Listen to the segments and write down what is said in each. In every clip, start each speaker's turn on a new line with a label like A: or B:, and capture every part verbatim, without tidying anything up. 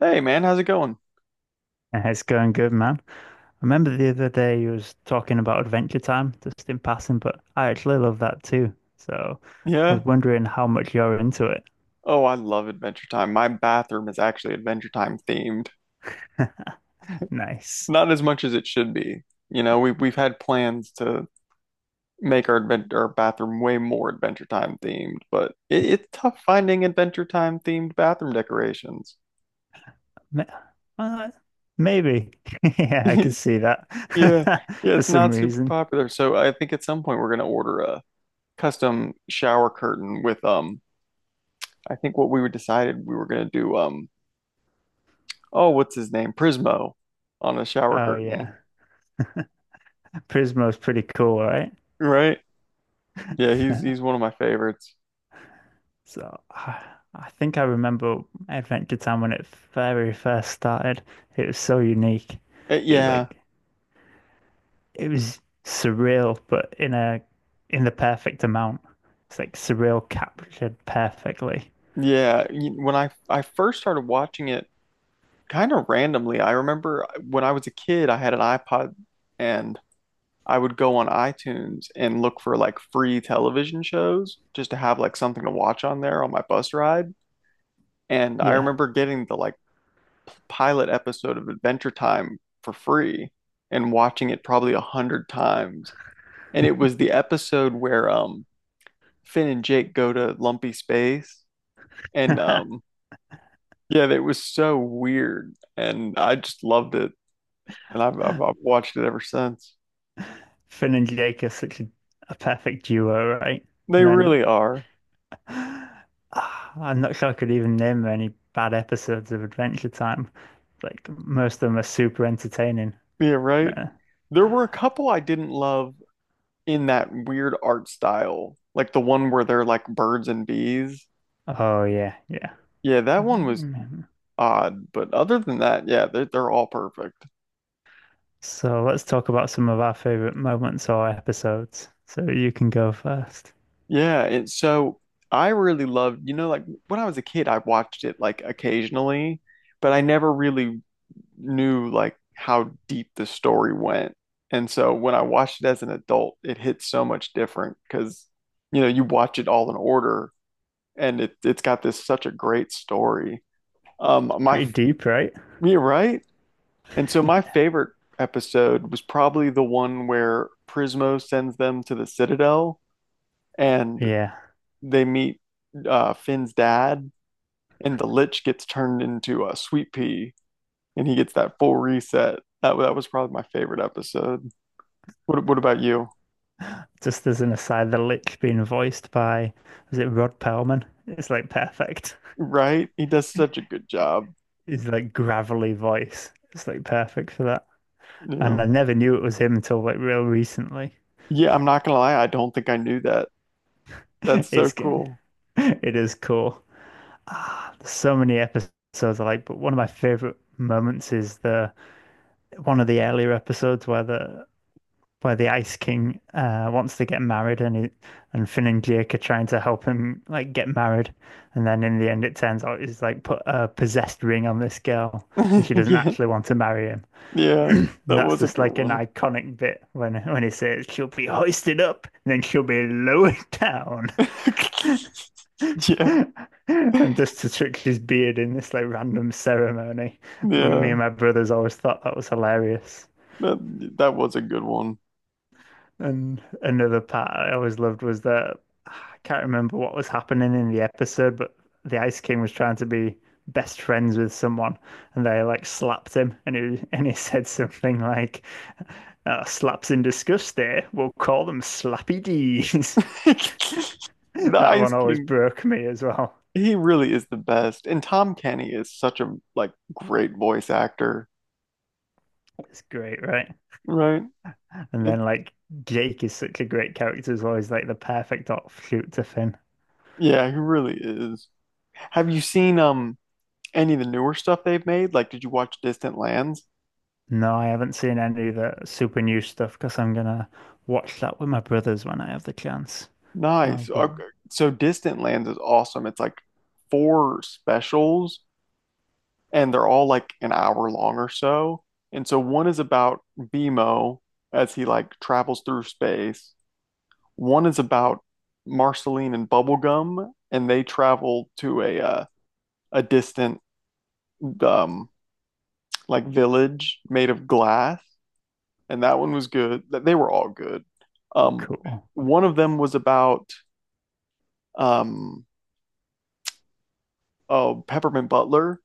A: Hey man, how's it going?
B: Yeah, it's going good, man. I remember the other day you was talking about Adventure Time just in passing, but I actually love that too. So I
A: Yeah.
B: was wondering how much you're into it.
A: Oh, I love Adventure Time. My bathroom is actually Adventure Time themed.
B: Nice.
A: Not as much as it should be. You know, we we've had plans to make our advent our bathroom way more Adventure Time themed, but it, it's tough finding Adventure Time themed bathroom decorations.
B: Ma- uh, Maybe. Yeah, I can see that
A: Yeah. Yeah,
B: for
A: it's
B: some
A: not super
B: reason.
A: popular. So I think at some point we're gonna order a custom shower curtain with um I think what we were decided we were gonna do um oh, what's his name? Prismo on a shower
B: Oh
A: curtain.
B: yeah, Prismo's pretty cool, right?
A: Right? Yeah, he's he's one of my favorites.
B: So I I think I remember Adventure Time when it very first started. It was so unique.
A: Uh,
B: It was
A: yeah,
B: like it was surreal, but in a in the perfect amount. It's like surreal captured perfectly.
A: yeah. Y- When I I first started watching it, kind of randomly. I remember uh, when I was a kid, I had an iPod, and I would go on iTunes and look for like free television shows just to have like something to watch on there on my bus ride. And I
B: Yeah.
A: remember getting the like pilot episode of Adventure Time for free and watching it probably a hundred times. And it was the episode where um Finn and Jake go to Lumpy Space. And um, yeah, it was so weird, and I just loved it, and I've, I've I've watched it ever since.
B: Finn and Jake are such a, a perfect duo, right?
A: They
B: And then
A: really are.
B: ah, I'm not sure I could even name any bad episodes of Adventure Time. Like most of them are super entertaining.
A: Yeah, right.
B: Uh,
A: There were a couple I didn't love in that weird art style, like the one where they're like birds and bees.
B: oh yeah, yeah.
A: Yeah, that one was odd, but other than that, yeah, they're they're all perfect.
B: So let's talk about some of our favorite moments or episodes. So you can go first.
A: Yeah, and so I really loved, you know, like when I was a kid, I watched it like occasionally, but I never really knew like how deep the story went. And so when I watched it as an adult, it hit so much different, because you know, you watch it all in order, and it it's got this such a great story. Um
B: It's
A: my
B: pretty deep, right?
A: You're right. And so my favorite episode was probably the one where Prismo sends them to the Citadel and
B: Yeah,
A: they meet uh, Finn's dad, and the Lich gets turned into a sweet pea, and he gets that full reset. That that was probably my favorite episode. What what about you?
B: just as an aside, the lick being voiced by, was it Rod Perlman? It's like perfect.
A: Right? He does such a good job.
B: His like gravelly voice. It's like perfect for that.
A: You
B: And
A: know.
B: I never knew it was him until like real recently.
A: Yeah, I'm not gonna lie, I don't think I knew that. That's so
B: It's g-
A: cool.
B: it is cool. Ah, there's so many episodes I like, but one of my favorite moments is the one of the earlier episodes where the where the Ice King uh, wants to get married, and he, and Finn and Jake are trying to help him like get married, and then in the end it turns out he's like put a possessed ring on this girl, and she doesn't
A: Yeah.
B: actually want to marry him.
A: Yeah.
B: And
A: That
B: that's
A: was a
B: just
A: good
B: like an
A: one.
B: iconic bit when when he says she'll be hoisted up, and then she'll be lowered down,
A: Yeah.
B: and just to trick his beard in this like random ceremony. Me
A: Yeah.
B: and my brothers always thought that was hilarious.
A: That that was a good one.
B: And another part I always loved was that I can't remember what was happening in the episode, but the Ice King was trying to be best friends with someone, and they like slapped him, and he and he said something like, oh, "Slaps in disgust. There, we'll call them Slappy D's."
A: The
B: That
A: Ice
B: one always
A: King,
B: broke me as well.
A: he really is the best. And Tom Kenny is such a like great voice actor,
B: It's great, right?
A: right?
B: And
A: It,
B: then like Jake is such a great character as well. He's like the perfect offshoot to Finn.
A: yeah, he really is. Have you seen um any of the newer stuff they've made? Like, did you watch Distant Lands?
B: No, I haven't seen any of the super new stuff because I'm gonna watch that with my brothers when I have the chance. And I'll
A: Nice. Okay.
B: go,
A: So Distant Lands is awesome. It's like four specials, and they're all like an hour long or so. And so one is about Bimo as he like travels through space. One is about Marceline and Bubblegum, and they travel to a uh, a distant um like village made of glass. And that one was good. Th- They were all good. Um,
B: cool.
A: One of them was about um, oh, Peppermint Butler,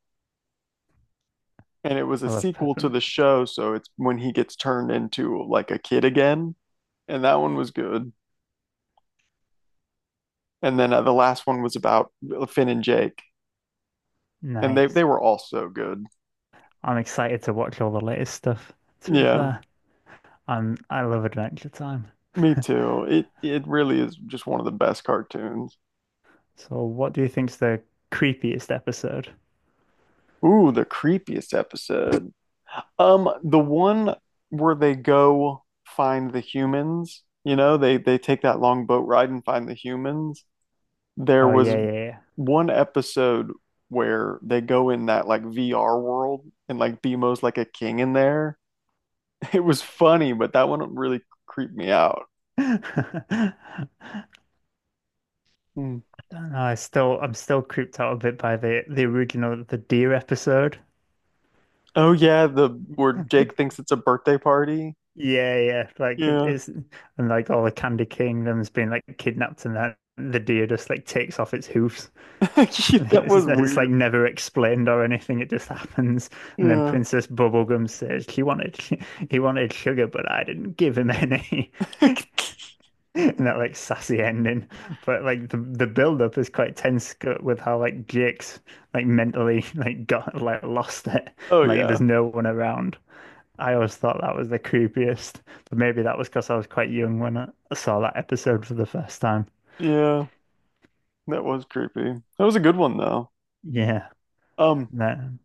A: and it was a
B: I love
A: sequel to
B: peppermint.
A: the show, so it's when he gets turned into like a kid again, and that one was good. And then uh, the last one was about Finn and Jake, and they they
B: Nice.
A: were all so good.
B: I'm excited to watch all the latest stuff. To be
A: Yeah,
B: fair, I'm I love Adventure Time.
A: me too. It it really is just one of the best cartoons.
B: So, what do you think's the creepiest episode?
A: Ooh, the creepiest episode. Um, the one where they go find the humans. You know, they they take that long boat ride and find the humans. There
B: Oh
A: was
B: yeah, yeah,
A: one episode where they go in that like V R world and like Bemo's like a king in there. It was funny, but that one really creeped me out.
B: yeah.
A: Hmm.
B: I don't know. I still I'm still creeped out a bit by the the original the deer episode.
A: Oh yeah, the where Jake thinks it's a birthday party.
B: Yeah, yeah. Like
A: Yeah.
B: it's and like all the Candy Kingdom's been like kidnapped and that the deer just like takes off its hoofs.
A: That
B: It's,
A: was
B: just- it's like
A: weird.
B: never explained or anything. It just happens. And then
A: Yeah.
B: Princess Bubblegum says he wanted he wanted sugar, but I didn't give him any. And that like sassy ending. But like the the build up is quite tense co- with how like Jake's like mentally like got like lost it.
A: Oh
B: Like there's
A: yeah.
B: no one around. I always thought that was the creepiest, but maybe that was because I was quite young when I saw that episode for the first time.
A: Yeah. That was creepy. That was a good one though.
B: Yeah,
A: Um,
B: no,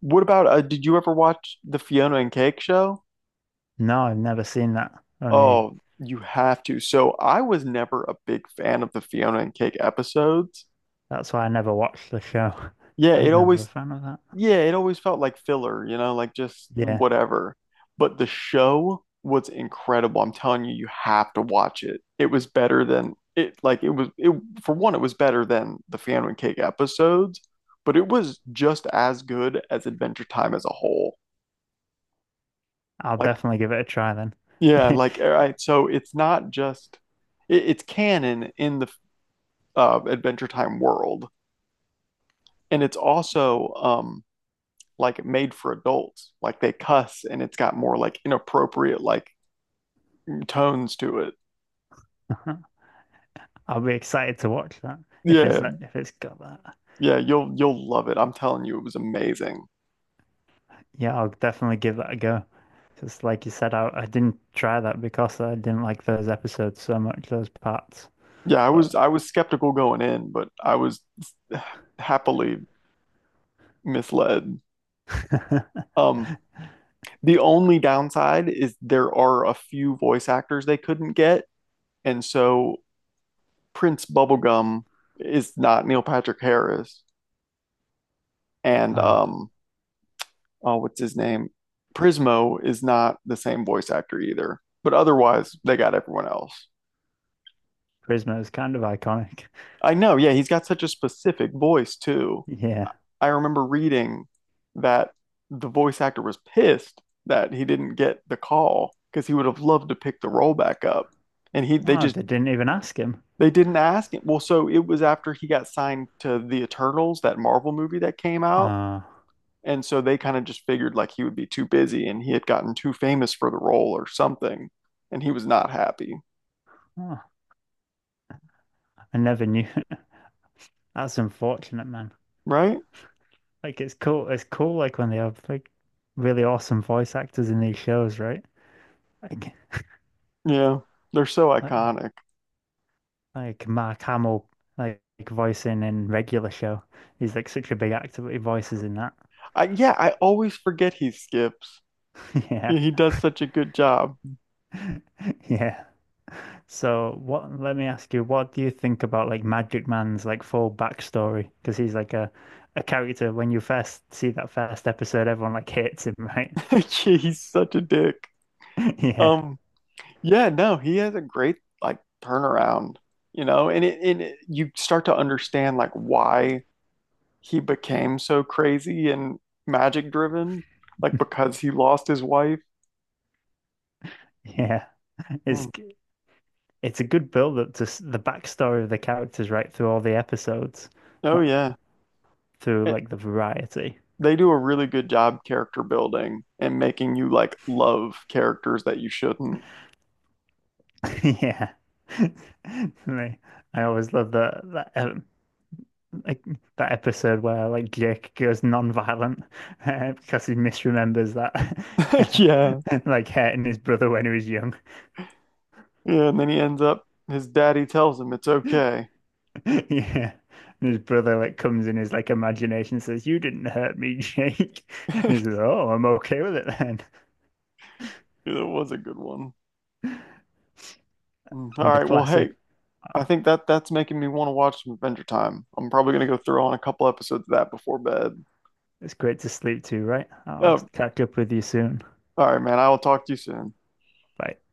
A: what about uh, did you ever watch the Fiona and Cake show?
B: no, I've never seen that. Only
A: Oh, you have to. So I was never a big fan of the Fiona and Cake episodes.
B: that's why I never watched the show.
A: Yeah,
B: I
A: it
B: was never a
A: always
B: fan of that.
A: yeah, it always felt like filler, you know, like just
B: Yeah,
A: whatever. But the show was incredible. I'm telling you, you have to watch it. It was better than it like it was it For one, it was better than the Fiona and Cake episodes, but it was just as good as Adventure Time as a whole.
B: I'll
A: Like
B: definitely give it a try then.
A: yeah, like all right, so it's not just it, it's canon in the uh, Adventure Time world. And it's also um, like made for adults. Like they cuss and it's got more like inappropriate like tones to it.
B: I'll be excited to watch that if it's
A: Yeah,
B: if it's got that.
A: yeah, you'll you'll love it. I'm telling you, it was amazing.
B: Yeah, I'll definitely give that a go. Because, like you said, I, I didn't try that because I didn't like those episodes so much, those parts.
A: Yeah, I was
B: But
A: I was skeptical going in, but I was happily misled. Um, the only downside is there are a few voice actors they couldn't get, and so Prince Bubblegum is not Neil Patrick Harris, and
B: ah,
A: um, uh, what's his name? Prismo is not the same voice actor either, but otherwise they got everyone else.
B: Prisma is kind of iconic.
A: I know, yeah, he's got such a specific voice too.
B: Yeah.
A: I remember reading that the voice actor was pissed that he didn't get the call because he would have loved to pick the role back up. And he they
B: Oh,
A: just
B: they didn't even ask him.
A: they didn't ask him. Well, so it was after he got signed to the Eternals, that Marvel movie that came out,
B: Oh,
A: and so they kind of just figured like he would be too busy and he had gotten too famous for the role or something, and he was not happy,
B: oh, I never knew. That's unfortunate, man.
A: right?
B: Like it's cool. It's cool, like when they have like really awesome voice actors in these shows, right? Like,
A: Yeah, they're so
B: like,
A: iconic.
B: like Mark Hamill, like, like voicing in Regular Show. He's like such a big actor, but he voices in that.
A: I yeah, I always forget he skips.
B: Yeah,
A: Yeah, he does such a good job.
B: yeah. So what, let me ask you, what do you think about like Magic Man's like full backstory? Because he's like a, a character when you first see that first episode, everyone like hates him, right?
A: Yeah, He's such a dick.
B: Yeah,
A: Um, yeah, no, he has a great like turnaround, you know, and it and it, you start to understand like why he became so crazy and magic driven, like because he lost his wife.
B: yeah. It's
A: Hmm.
B: g- it's a good build up to s- the backstory of the characters right through all the episodes,
A: Oh
B: not
A: yeah.
B: through
A: And
B: like the variety.
A: they do a really good job character building and making you like love characters that you shouldn't.
B: Yeah. I I always love that that um, like that episode where like Jake goes non-violent uh, because he misremembers that
A: Yeah.
B: like hurting his brother when he was young.
A: Yeah, and then he ends up, his daddy tells him it's okay.
B: Yeah. And his brother like comes in his like imagination and says, "You didn't hurt me, Jake." And he says, "Oh, I'm okay with it then."
A: It was a good one. Mm. All
B: And the
A: right, well, hey,
B: classic,
A: I think that that's making me want to watch some Adventure Time. I'm probably gonna go throw on a couple episodes of that before bed.
B: it's great to sleep to, right? I'll
A: Oh,
B: catch up with you soon.
A: all right, man, I will talk to you soon.
B: Bye.